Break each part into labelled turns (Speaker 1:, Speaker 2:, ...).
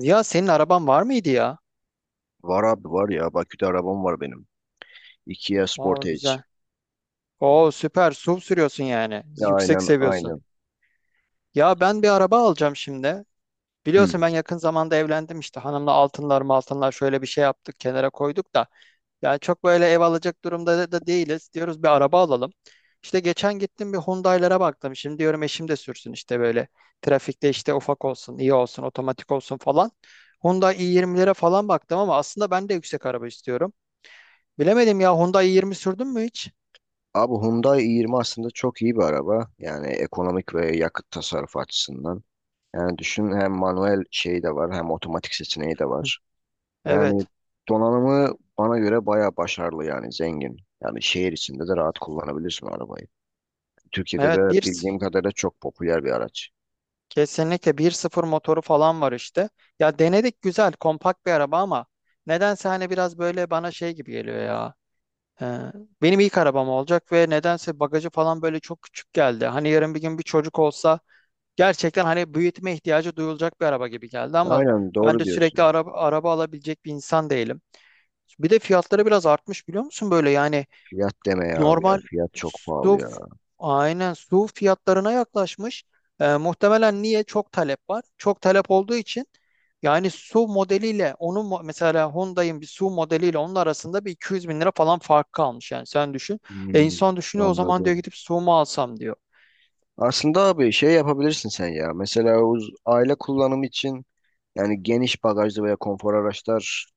Speaker 1: Ya senin araban var mıydı ya?
Speaker 2: Var abi var ya. Bakü'de arabam var benim. Kia
Speaker 1: Aa,
Speaker 2: Sportage.
Speaker 1: güzel. Oo, süper. SUV sürüyorsun yani.
Speaker 2: Ya
Speaker 1: Yüksek
Speaker 2: aynen
Speaker 1: seviyorsun.
Speaker 2: aynen.
Speaker 1: Ya ben bir araba alacağım şimdi.
Speaker 2: Hmm.
Speaker 1: Biliyorsun ben yakın zamanda evlendim işte hanımla altınlar şöyle bir şey yaptık, kenara koyduk da. Yani çok böyle ev alacak durumda da değiliz. Diyoruz bir araba alalım. İşte geçen gittim, bir Hyundai'lara baktım. Şimdi diyorum eşim de sürsün işte böyle. Trafikte işte ufak olsun, iyi olsun, otomatik olsun falan. Hyundai i20'lere falan baktım ama aslında ben de yüksek araba istiyorum. Bilemedim ya, Hyundai i20 sürdün mü hiç?
Speaker 2: Abi Hyundai i20 aslında çok iyi bir araba. Yani ekonomik ve yakıt tasarrufu açısından. Yani düşün hem manuel şeyi de var hem otomatik seçeneği de var. Yani
Speaker 1: Evet.
Speaker 2: donanımı bana göre bayağı başarılı yani zengin. Yani şehir içinde de rahat kullanabilirsin arabayı. Türkiye'de
Speaker 1: Evet
Speaker 2: de
Speaker 1: bir
Speaker 2: bildiğim kadarıyla çok popüler bir araç.
Speaker 1: kesinlikle 1.0 motoru falan var işte. Ya denedik, güzel kompakt bir araba ama nedense hani biraz böyle bana şey gibi geliyor ya. Ee, benim ilk arabam olacak ve nedense bagajı falan böyle çok küçük geldi. Hani yarın bir gün bir çocuk olsa gerçekten hani büyütme ihtiyacı duyulacak bir araba gibi geldi ama
Speaker 2: Aynen
Speaker 1: ben
Speaker 2: doğru
Speaker 1: de sürekli
Speaker 2: diyorsun.
Speaker 1: araba alabilecek bir insan değilim. Bir de fiyatları biraz artmış, biliyor musun böyle yani?
Speaker 2: Fiyat deme ya abi ya.
Speaker 1: Normal
Speaker 2: Fiyat çok pahalı
Speaker 1: su,
Speaker 2: ya.
Speaker 1: aynen su fiyatlarına yaklaşmış. Muhtemelen niye? Çok talep var. Çok talep olduğu için yani su modeliyle onun mesela Hyundai'in bir su modeliyle onun arasında bir 200 bin lira falan fark kalmış, yani sen düşün. E,
Speaker 2: Hmm,
Speaker 1: insan düşünüyor o zaman, diyor
Speaker 2: anladım.
Speaker 1: gidip su mu alsam diyor.
Speaker 2: Aslında abi şey yapabilirsin sen ya. Mesela aile kullanımı için yani geniş bagajlı veya konfor araçlar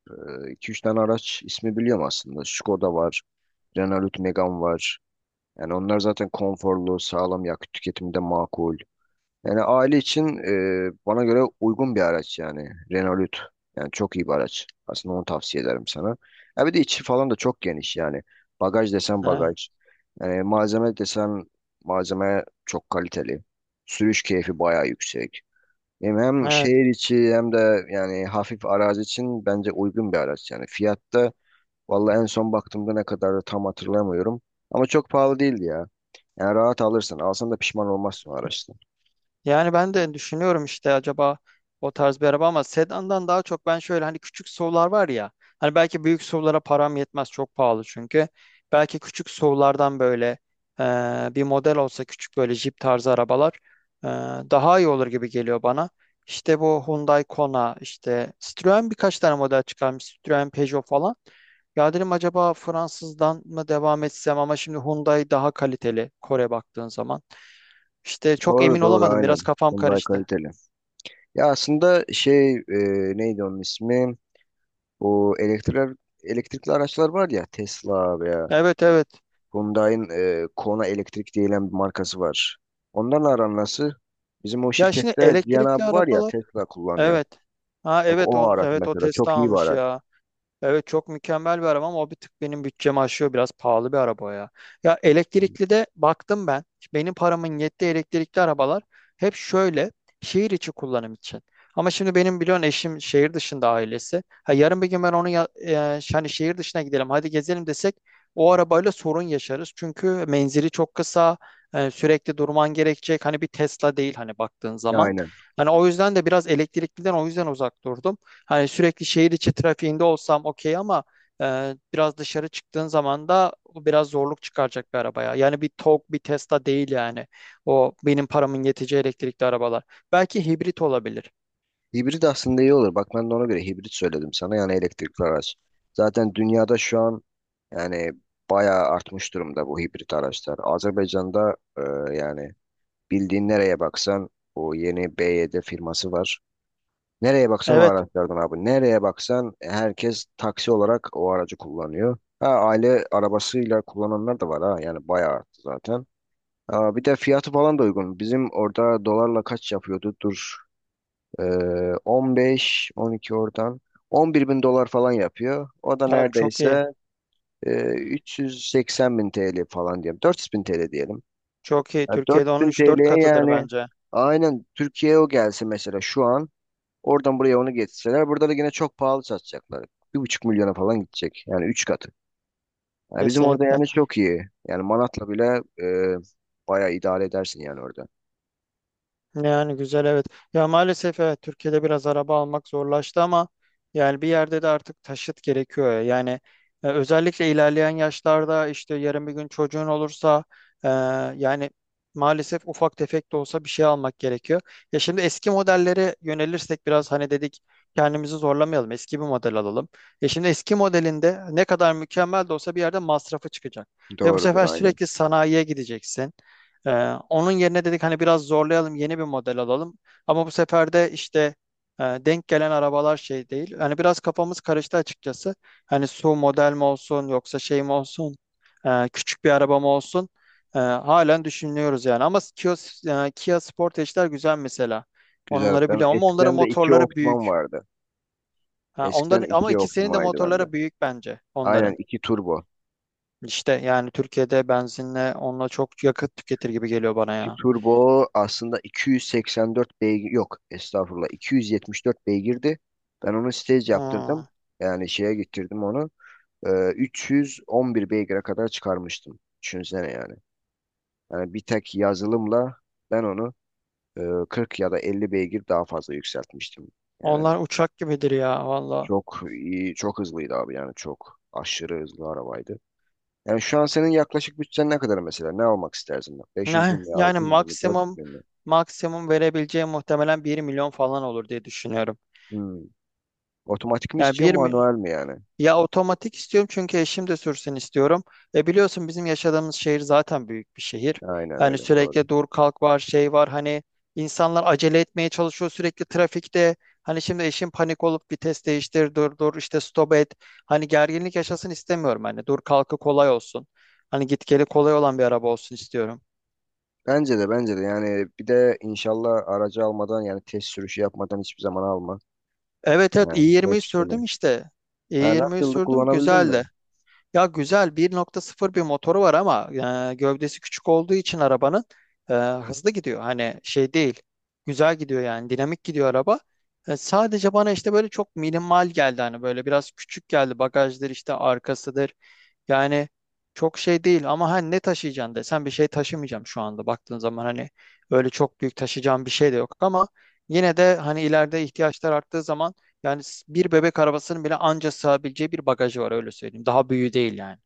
Speaker 2: 2-3 tane araç ismi biliyorum aslında. Skoda var, Renault Megane var. Yani onlar zaten konforlu, sağlam yakıt tüketiminde makul. Yani aile için bana göre uygun bir araç yani. Renault. Yani çok iyi bir araç. Aslında onu tavsiye ederim sana. Ya bir de içi falan da çok geniş yani. Bagaj desen bagaj. Yani malzeme desen malzeme çok kaliteli. Sürüş keyfi bayağı yüksek. Hem, hem
Speaker 1: Evet.
Speaker 2: şehir içi hem de yani hafif arazi için bence uygun bir araç yani. Fiyatta vallahi en son baktığımda ne kadardı tam hatırlamıyorum. Ama çok pahalı değildi ya. Yani rahat alırsın. Alsan da pişman olmazsın o araçta.
Speaker 1: Yani ben de düşünüyorum işte, acaba o tarz bir araba ama sedandan daha çok ben şöyle, hani küçük SUV'lar var ya, hani belki büyük SUV'lara param yetmez, çok pahalı çünkü. Belki küçük SUV'lardan böyle bir model olsa, küçük böyle Jeep tarzı arabalar e, daha iyi olur gibi geliyor bana. İşte bu Hyundai Kona, işte Citroen birkaç tane model çıkarmış, Citroen Peugeot falan. Ya dedim acaba Fransızdan mı devam etsem ama şimdi Hyundai daha kaliteli, Kore baktığın zaman. İşte çok
Speaker 2: Doğru
Speaker 1: emin
Speaker 2: doğru
Speaker 1: olamadım.
Speaker 2: aynen.
Speaker 1: Biraz kafam
Speaker 2: Hyundai
Speaker 1: karıştı.
Speaker 2: kaliteli. Ya aslında şey neydi onun ismi? Bu elektrikli araçlar var ya Tesla veya
Speaker 1: Evet, evet.
Speaker 2: Hyundai'nin Kona Elektrik diyen bir markası var. Onlarla aran nasıl? Bizim o
Speaker 1: Ya şimdi
Speaker 2: şirkette Cihan
Speaker 1: elektrikli
Speaker 2: abi var ya
Speaker 1: arabalar.
Speaker 2: Tesla kullanıyor.
Speaker 1: Evet. Ha
Speaker 2: Bak
Speaker 1: evet,
Speaker 2: o
Speaker 1: o
Speaker 2: araç
Speaker 1: evet, o
Speaker 2: mesela
Speaker 1: Tesla
Speaker 2: çok iyi bir
Speaker 1: almış
Speaker 2: araç.
Speaker 1: ya. Evet, çok mükemmel bir araba ama o bir tık benim bütçemi aşıyor. Biraz pahalı bir araba o ya. Ya elektrikli de baktım ben. Benim paramın yettiği elektrikli arabalar hep şöyle şehir içi kullanım için. Ama şimdi benim biliyorsun eşim şehir dışında, ailesi. Ha, yarın bir gün ben onu ya, hani şehir dışına gidelim hadi gezelim desek o arabayla sorun yaşarız. Çünkü menzili çok kısa, sürekli durman gerekecek. Hani bir Tesla değil hani baktığın zaman.
Speaker 2: Aynen.
Speaker 1: Hani o yüzden de biraz elektrikliden o yüzden uzak durdum. Hani sürekli şehir içi trafiğinde olsam okey ama biraz dışarı çıktığın zaman da o biraz zorluk çıkaracak bir arabaya. Yani bir TOG, bir Tesla değil yani. O benim paramın yeteceği elektrikli arabalar. Belki hibrit olabilir.
Speaker 2: Hibrit aslında iyi olur. Bak ben de ona göre hibrit söyledim sana yani elektrikli araç. Zaten dünyada şu an. Yani bayağı artmış durumda bu hibrit araçlar. Azerbaycan'da yani bildiğin nereye baksan o yeni BYD firması var. Nereye baksan o
Speaker 1: Evet,
Speaker 2: araçlardan abi. Nereye baksan herkes taksi olarak o aracı kullanıyor. Ha, aile arabasıyla kullananlar da var ha. Yani bayağı arttı zaten. Ha, bir de fiyatı falan da uygun. Bizim orada dolarla kaç yapıyordu? Dur. E, 15, 12 oradan. 11 bin dolar falan yapıyor. O da
Speaker 1: ya çok iyi.
Speaker 2: neredeyse e, 380 bin TL falan diyelim. 400 bin TL diyelim.
Speaker 1: Çok iyi.
Speaker 2: Ya
Speaker 1: Türkiye'de onun
Speaker 2: 4000
Speaker 1: üç dört
Speaker 2: TL'ye
Speaker 1: katıdır
Speaker 2: yani
Speaker 1: bence.
Speaker 2: aynen Türkiye'ye o gelse mesela şu an oradan buraya onu getirseler burada da yine çok pahalı satacaklar. 1,5 milyona falan gidecek. Yani üç katı. Ya bizim orada
Speaker 1: Kesinlikle.
Speaker 2: yani çok iyi. Yani Manat'la bile e, bayağı idare edersin yani orada.
Speaker 1: Yani güzel, evet. Ya maalesef evet, Türkiye'de biraz araba almak zorlaştı ama yani bir yerde de artık taşıt gerekiyor, ya. Yani özellikle ilerleyen yaşlarda işte yarın bir gün çocuğun olursa e, yani maalesef ufak tefek de olsa bir şey almak gerekiyor. Ya şimdi eski modellere yönelirsek biraz, hani dedik kendimizi zorlamayalım, eski bir model alalım. E şimdi eski modelinde ne kadar mükemmel de olsa bir yerde masrafı çıkacak. Ya bu
Speaker 2: Doğrudur
Speaker 1: sefer
Speaker 2: aynen.
Speaker 1: sürekli sanayiye gideceksin. Ee, onun yerine dedik hani biraz zorlayalım, yeni bir model alalım. Ama bu sefer de işte denk gelen arabalar şey değil. Hani biraz kafamız karıştı açıkçası. Hani su model mi olsun, yoksa şey mi olsun, küçük bir araba mı olsun. Halen düşünüyoruz yani. Ama Kia Sportage'ler güzel mesela.
Speaker 2: Güzel.
Speaker 1: Onları
Speaker 2: Ben
Speaker 1: biliyorum ama onların
Speaker 2: eskiden de iki
Speaker 1: motorları
Speaker 2: Optima'm
Speaker 1: büyük.
Speaker 2: vardı.
Speaker 1: Ha,
Speaker 2: Eskiden
Speaker 1: onların, ama
Speaker 2: iki
Speaker 1: ikisinin de
Speaker 2: Optima'ydı bende.
Speaker 1: motorları büyük bence
Speaker 2: Aynen
Speaker 1: onların.
Speaker 2: iki turbo.
Speaker 1: İşte yani Türkiye'de benzinle onunla çok yakıt tüketir gibi geliyor bana
Speaker 2: 2
Speaker 1: ya.
Speaker 2: turbo aslında 284 beygir yok estağfurullah 274 beygirdi. Ben onu stage yaptırdım.
Speaker 1: Hmm.
Speaker 2: Yani şeye getirdim onu. 311 beygire kadar çıkarmıştım. Düşünsene yani. Yani bir tek yazılımla ben onu e, 40 ya da 50 beygir daha fazla yükseltmiştim. Yani
Speaker 1: Onlar uçak gibidir ya valla.
Speaker 2: çok iyi, çok hızlıydı abi yani çok aşırı hızlı arabaydı. Yani şu an senin yaklaşık bütçen ne kadar mesela? Ne almak istersin? 500 bin
Speaker 1: Yani,
Speaker 2: mi?
Speaker 1: yani
Speaker 2: 600 bin mi?
Speaker 1: maksimum
Speaker 2: 400 bin mi?
Speaker 1: maksimum verebileceğim muhtemelen 1 milyon falan olur diye düşünüyorum.
Speaker 2: Hmm. Otomatik mi
Speaker 1: Yani
Speaker 2: istiyor manuel mi yani?
Speaker 1: ya otomatik istiyorum, çünkü eşim de sürsün istiyorum. E biliyorsun bizim yaşadığımız şehir zaten büyük bir şehir.
Speaker 2: Aynen
Speaker 1: Yani
Speaker 2: öyle doğru.
Speaker 1: sürekli dur kalk var, şey var, hani insanlar acele etmeye çalışıyor sürekli trafikte. Hani şimdi eşim panik olup vites değiştir, dur dur işte, stop et. Hani gerginlik yaşasın istemiyorum, hani dur kalkı kolay olsun. Hani git geli kolay olan bir araba olsun istiyorum.
Speaker 2: Bence de bence de yani bir de inşallah aracı almadan yani test sürüşü yapmadan hiçbir zaman alma.
Speaker 1: Evet, evet,
Speaker 2: Yani
Speaker 1: i20'yi
Speaker 2: hepsini.
Speaker 1: sürdüm işte.
Speaker 2: Ha,
Speaker 1: i20'yi
Speaker 2: nasıldı
Speaker 1: sürdüm,
Speaker 2: kullanabildin
Speaker 1: güzeldi.
Speaker 2: mi?
Speaker 1: Ya güzel, 1.0 bir motoru var ama gövdesi küçük olduğu için arabanın hızlı gidiyor. Hani şey değil. Güzel gidiyor yani, dinamik gidiyor araba. Sadece bana işte böyle çok minimal geldi, hani böyle biraz küçük geldi bagajdır işte, arkasıdır, yani çok şey değil ama hani ne taşıyacaksın desen bir şey taşımayacağım şu anda, baktığın zaman hani öyle çok büyük taşıyacağım bir şey de yok ama yine de hani ileride ihtiyaçlar arttığı zaman yani bir bebek arabasının bile anca sığabileceği bir bagajı var, öyle söyleyeyim. Daha büyüğü değil yani.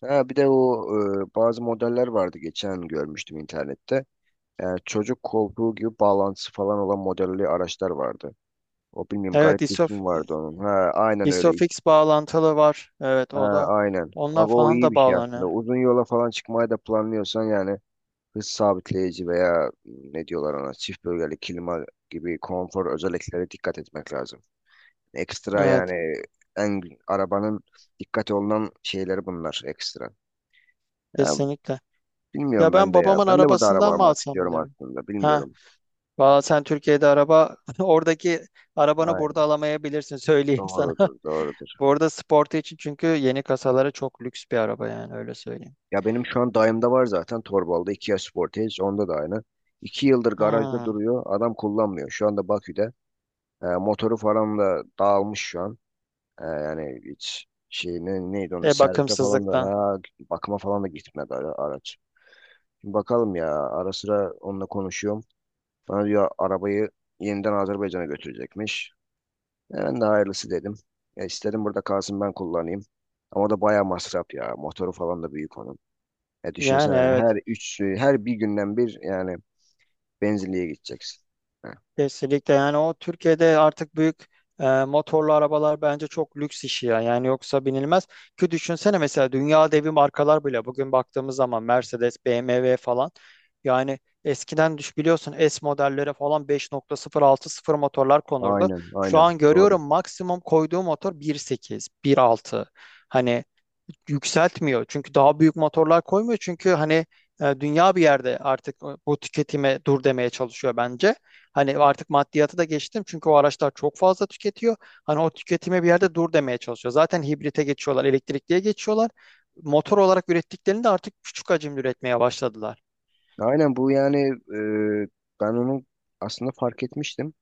Speaker 2: Ha, bir de o bazı modeller vardı geçen görmüştüm internette. Yani çocuk koltuğu gibi bağlantısı falan olan modelli araçlar vardı. O bilmiyorum
Speaker 1: Evet,
Speaker 2: garip bir ismi vardı onun. Ha, aynen öyle.
Speaker 1: İSOFIX bağlantılı var. Evet
Speaker 2: Ha,
Speaker 1: o da,
Speaker 2: aynen.
Speaker 1: onlar
Speaker 2: Bak o
Speaker 1: falan
Speaker 2: iyi
Speaker 1: da
Speaker 2: bir şey aslında.
Speaker 1: bağlanıyor.
Speaker 2: Uzun yola falan çıkmayı da planlıyorsan yani hız sabitleyici veya ne diyorlar ona çift bölgeli klima gibi konfor özelliklere dikkat etmek lazım. Ekstra
Speaker 1: Evet,
Speaker 2: yani en arabanın dikkat olunan şeyleri bunlar ekstra. Ya
Speaker 1: kesinlikle. Ya
Speaker 2: bilmiyorum
Speaker 1: ben
Speaker 2: ben de ya.
Speaker 1: babamın
Speaker 2: Ben de burada araba
Speaker 1: arabasından mı
Speaker 2: almak
Speaker 1: alsam,
Speaker 2: istiyorum
Speaker 1: bilirim?
Speaker 2: aslında. Bilmiyorum.
Speaker 1: Valla sen Türkiye'de araba oradaki arabanı burada
Speaker 2: Aynen.
Speaker 1: alamayabilirsin, söyleyeyim sana.
Speaker 2: Doğrudur, doğrudur.
Speaker 1: Bu arada sportu için, çünkü yeni kasaları çok lüks bir araba yani, öyle söyleyeyim.
Speaker 2: Ya benim şu an dayımda var zaten Torbalı'da Kia Sportage. Onda da aynı. 2 yıldır garajda
Speaker 1: Hmm.
Speaker 2: duruyor. Adam kullanmıyor. Şu anda Bakü'de. Motoru falan da dağılmış şu an. Yani hiç şey neydi onu
Speaker 1: E
Speaker 2: servise falan da
Speaker 1: bakımsızlıktan.
Speaker 2: ha, bakıma falan da gitmedi araç. Şimdi bakalım ya ara sıra onunla konuşuyorum. Bana diyor arabayı yeniden Azerbaycan'a götürecekmiş. Ben de hayırlısı dedim. İstedim burada kalsın ben kullanayım. Ama o da bayağı masraf ya. Motoru falan da büyük onun.
Speaker 1: Yani
Speaker 2: Düşünsene
Speaker 1: evet.
Speaker 2: her üç, her bir günden bir yani benzinliğe gideceksin. Heh,
Speaker 1: Kesinlikle, yani o Türkiye'de artık büyük motorlu arabalar bence çok lüks işi ya. Yani yoksa binilmez. Ki düşünsene mesela, dünya devi markalar bile bugün baktığımız zaman Mercedes, BMW falan, yani eskiden biliyorsun S modellere falan 5.060 motorlar konurdu.
Speaker 2: aynen,
Speaker 1: Şu
Speaker 2: aynen.
Speaker 1: an
Speaker 2: Doğru.
Speaker 1: görüyorum maksimum koyduğu motor 1.8, 1.6. Hani yükseltmiyor. Çünkü daha büyük motorlar koymuyor. Çünkü hani dünya bir yerde artık bu tüketime dur demeye çalışıyor bence. Hani artık maddiyatı da geçtim. Çünkü o araçlar çok fazla tüketiyor. Hani o tüketime bir yerde dur demeye çalışıyor. Zaten hibrite geçiyorlar, elektrikliye geçiyorlar. Motor olarak ürettiklerini de artık küçük hacimli üretmeye başladılar.
Speaker 2: Aynen bu yani e, ben onu aslında fark etmiştim.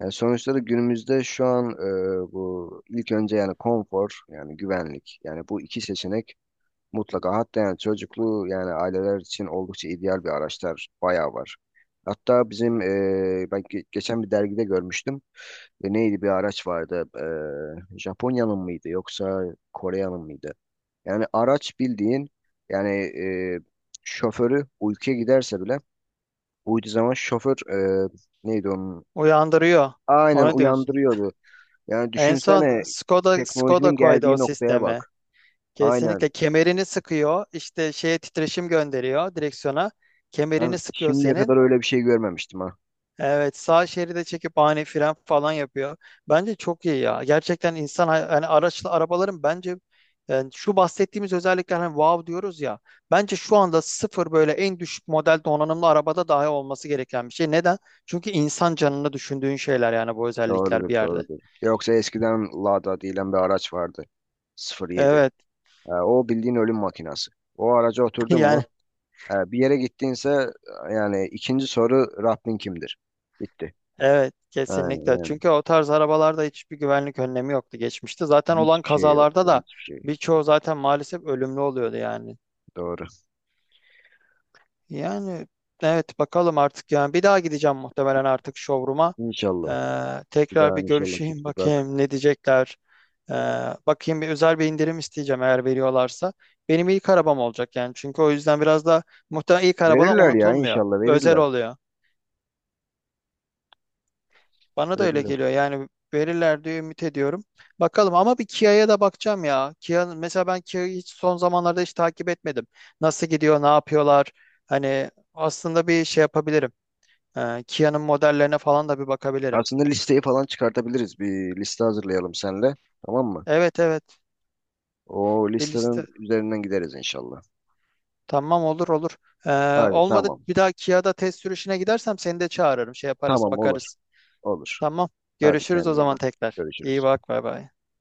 Speaker 2: Yani sonuçta da günümüzde şu an bu ilk önce yani konfor yani güvenlik yani bu iki seçenek mutlaka hatta yani çocuklu yani aileler için oldukça ideal bir araçlar bayağı var. Hatta bizim ben geçen bir dergide görmüştüm. Neydi bir araç vardı Japonya'nın mıydı yoksa Kore'nin mıydı? Yani araç bildiğin yani e, şoförü uykuya giderse bile uyuduğu zaman şoför neydi onun?
Speaker 1: Uyandırıyor.
Speaker 2: Aynen
Speaker 1: Ona diyorsun.
Speaker 2: uyandırıyordu. Yani
Speaker 1: En son
Speaker 2: düşünsene
Speaker 1: Skoda
Speaker 2: teknolojinin
Speaker 1: koydu
Speaker 2: geldiği
Speaker 1: o
Speaker 2: noktaya
Speaker 1: sistemi.
Speaker 2: bak.
Speaker 1: Kesinlikle,
Speaker 2: Aynen.
Speaker 1: kemerini sıkıyor, işte şeye titreşim gönderiyor direksiyona. Kemerini
Speaker 2: Ben
Speaker 1: sıkıyor
Speaker 2: şimdiye
Speaker 1: senin.
Speaker 2: kadar öyle bir şey görmemiştim ha.
Speaker 1: Evet, sağ şeride çekip ani fren falan yapıyor. Bence çok iyi ya. Gerçekten insan hani araçlı arabaların bence yani şu bahsettiğimiz özellikler, hani wow diyoruz ya. Bence şu anda sıfır böyle en düşük model donanımlı arabada dahi olması gereken bir şey. Neden? Çünkü insan canını düşündüğün şeyler, yani bu özellikler
Speaker 2: Doğrudur,
Speaker 1: bir yerde.
Speaker 2: doğrudur. Yoksa eskiden Lada diyen bir araç vardı. 07.
Speaker 1: Evet
Speaker 2: O bildiğin ölüm makinası. O araca oturdun mu?
Speaker 1: yani.
Speaker 2: Bir yere gittiğinse yani ikinci soru Rabbin kimdir? Bitti.
Speaker 1: Evet,
Speaker 2: Aynen.
Speaker 1: kesinlikle.
Speaker 2: Yani.
Speaker 1: Çünkü o tarz arabalarda hiçbir güvenlik önlemi yoktu geçmişte. Zaten olan
Speaker 2: Hiçbir şey
Speaker 1: kazalarda
Speaker 2: yoktu.
Speaker 1: da
Speaker 2: Hiçbir şey.
Speaker 1: birçoğu zaten maalesef ölümlü oluyordu yani.
Speaker 2: Doğru.
Speaker 1: Yani evet, bakalım artık, yani bir daha gideceğim muhtemelen artık showroom'a.
Speaker 2: İnşallah. Bir
Speaker 1: Tekrar
Speaker 2: daha
Speaker 1: bir
Speaker 2: inşallah git
Speaker 1: görüşeyim
Speaker 2: bak.
Speaker 1: bakayım ne diyecekler. Ee, bakayım, bir özel bir indirim isteyeceğim eğer veriyorlarsa. Benim ilk arabam olacak yani. Çünkü o yüzden biraz da muhtemelen ilk arabalar
Speaker 2: Verirler ya
Speaker 1: unutulmuyor.
Speaker 2: inşallah
Speaker 1: Özel
Speaker 2: verirler.
Speaker 1: oluyor. Bana da öyle
Speaker 2: Verirler.
Speaker 1: geliyor. Yani verirler diye ümit ediyorum. Bakalım ama bir Kia'ya da bakacağım ya. Kia, mesela ben Kia'yı hiç son zamanlarda hiç takip etmedim. Nasıl gidiyor, ne yapıyorlar? Hani aslında bir şey yapabilirim. Kia'nın modellerine falan da bir bakabilirim.
Speaker 2: Aslında listeyi falan çıkartabiliriz. Bir liste hazırlayalım senle. Tamam mı?
Speaker 1: Evet, evet,
Speaker 2: O
Speaker 1: bir
Speaker 2: listenin
Speaker 1: liste.
Speaker 2: üzerinden gideriz inşallah.
Speaker 1: Tamam, olur olur. Ee,
Speaker 2: Hadi
Speaker 1: olmadı
Speaker 2: tamam.
Speaker 1: bir daha Kia'da test sürüşüne gidersem seni de çağırırım. Şey yaparız,
Speaker 2: Tamam olur.
Speaker 1: bakarız.
Speaker 2: Olur.
Speaker 1: Tamam.
Speaker 2: Hadi
Speaker 1: Görüşürüz o
Speaker 2: kendine iyi
Speaker 1: zaman
Speaker 2: bak.
Speaker 1: tekrar. İyi
Speaker 2: Görüşürüz.
Speaker 1: bak, bay bay.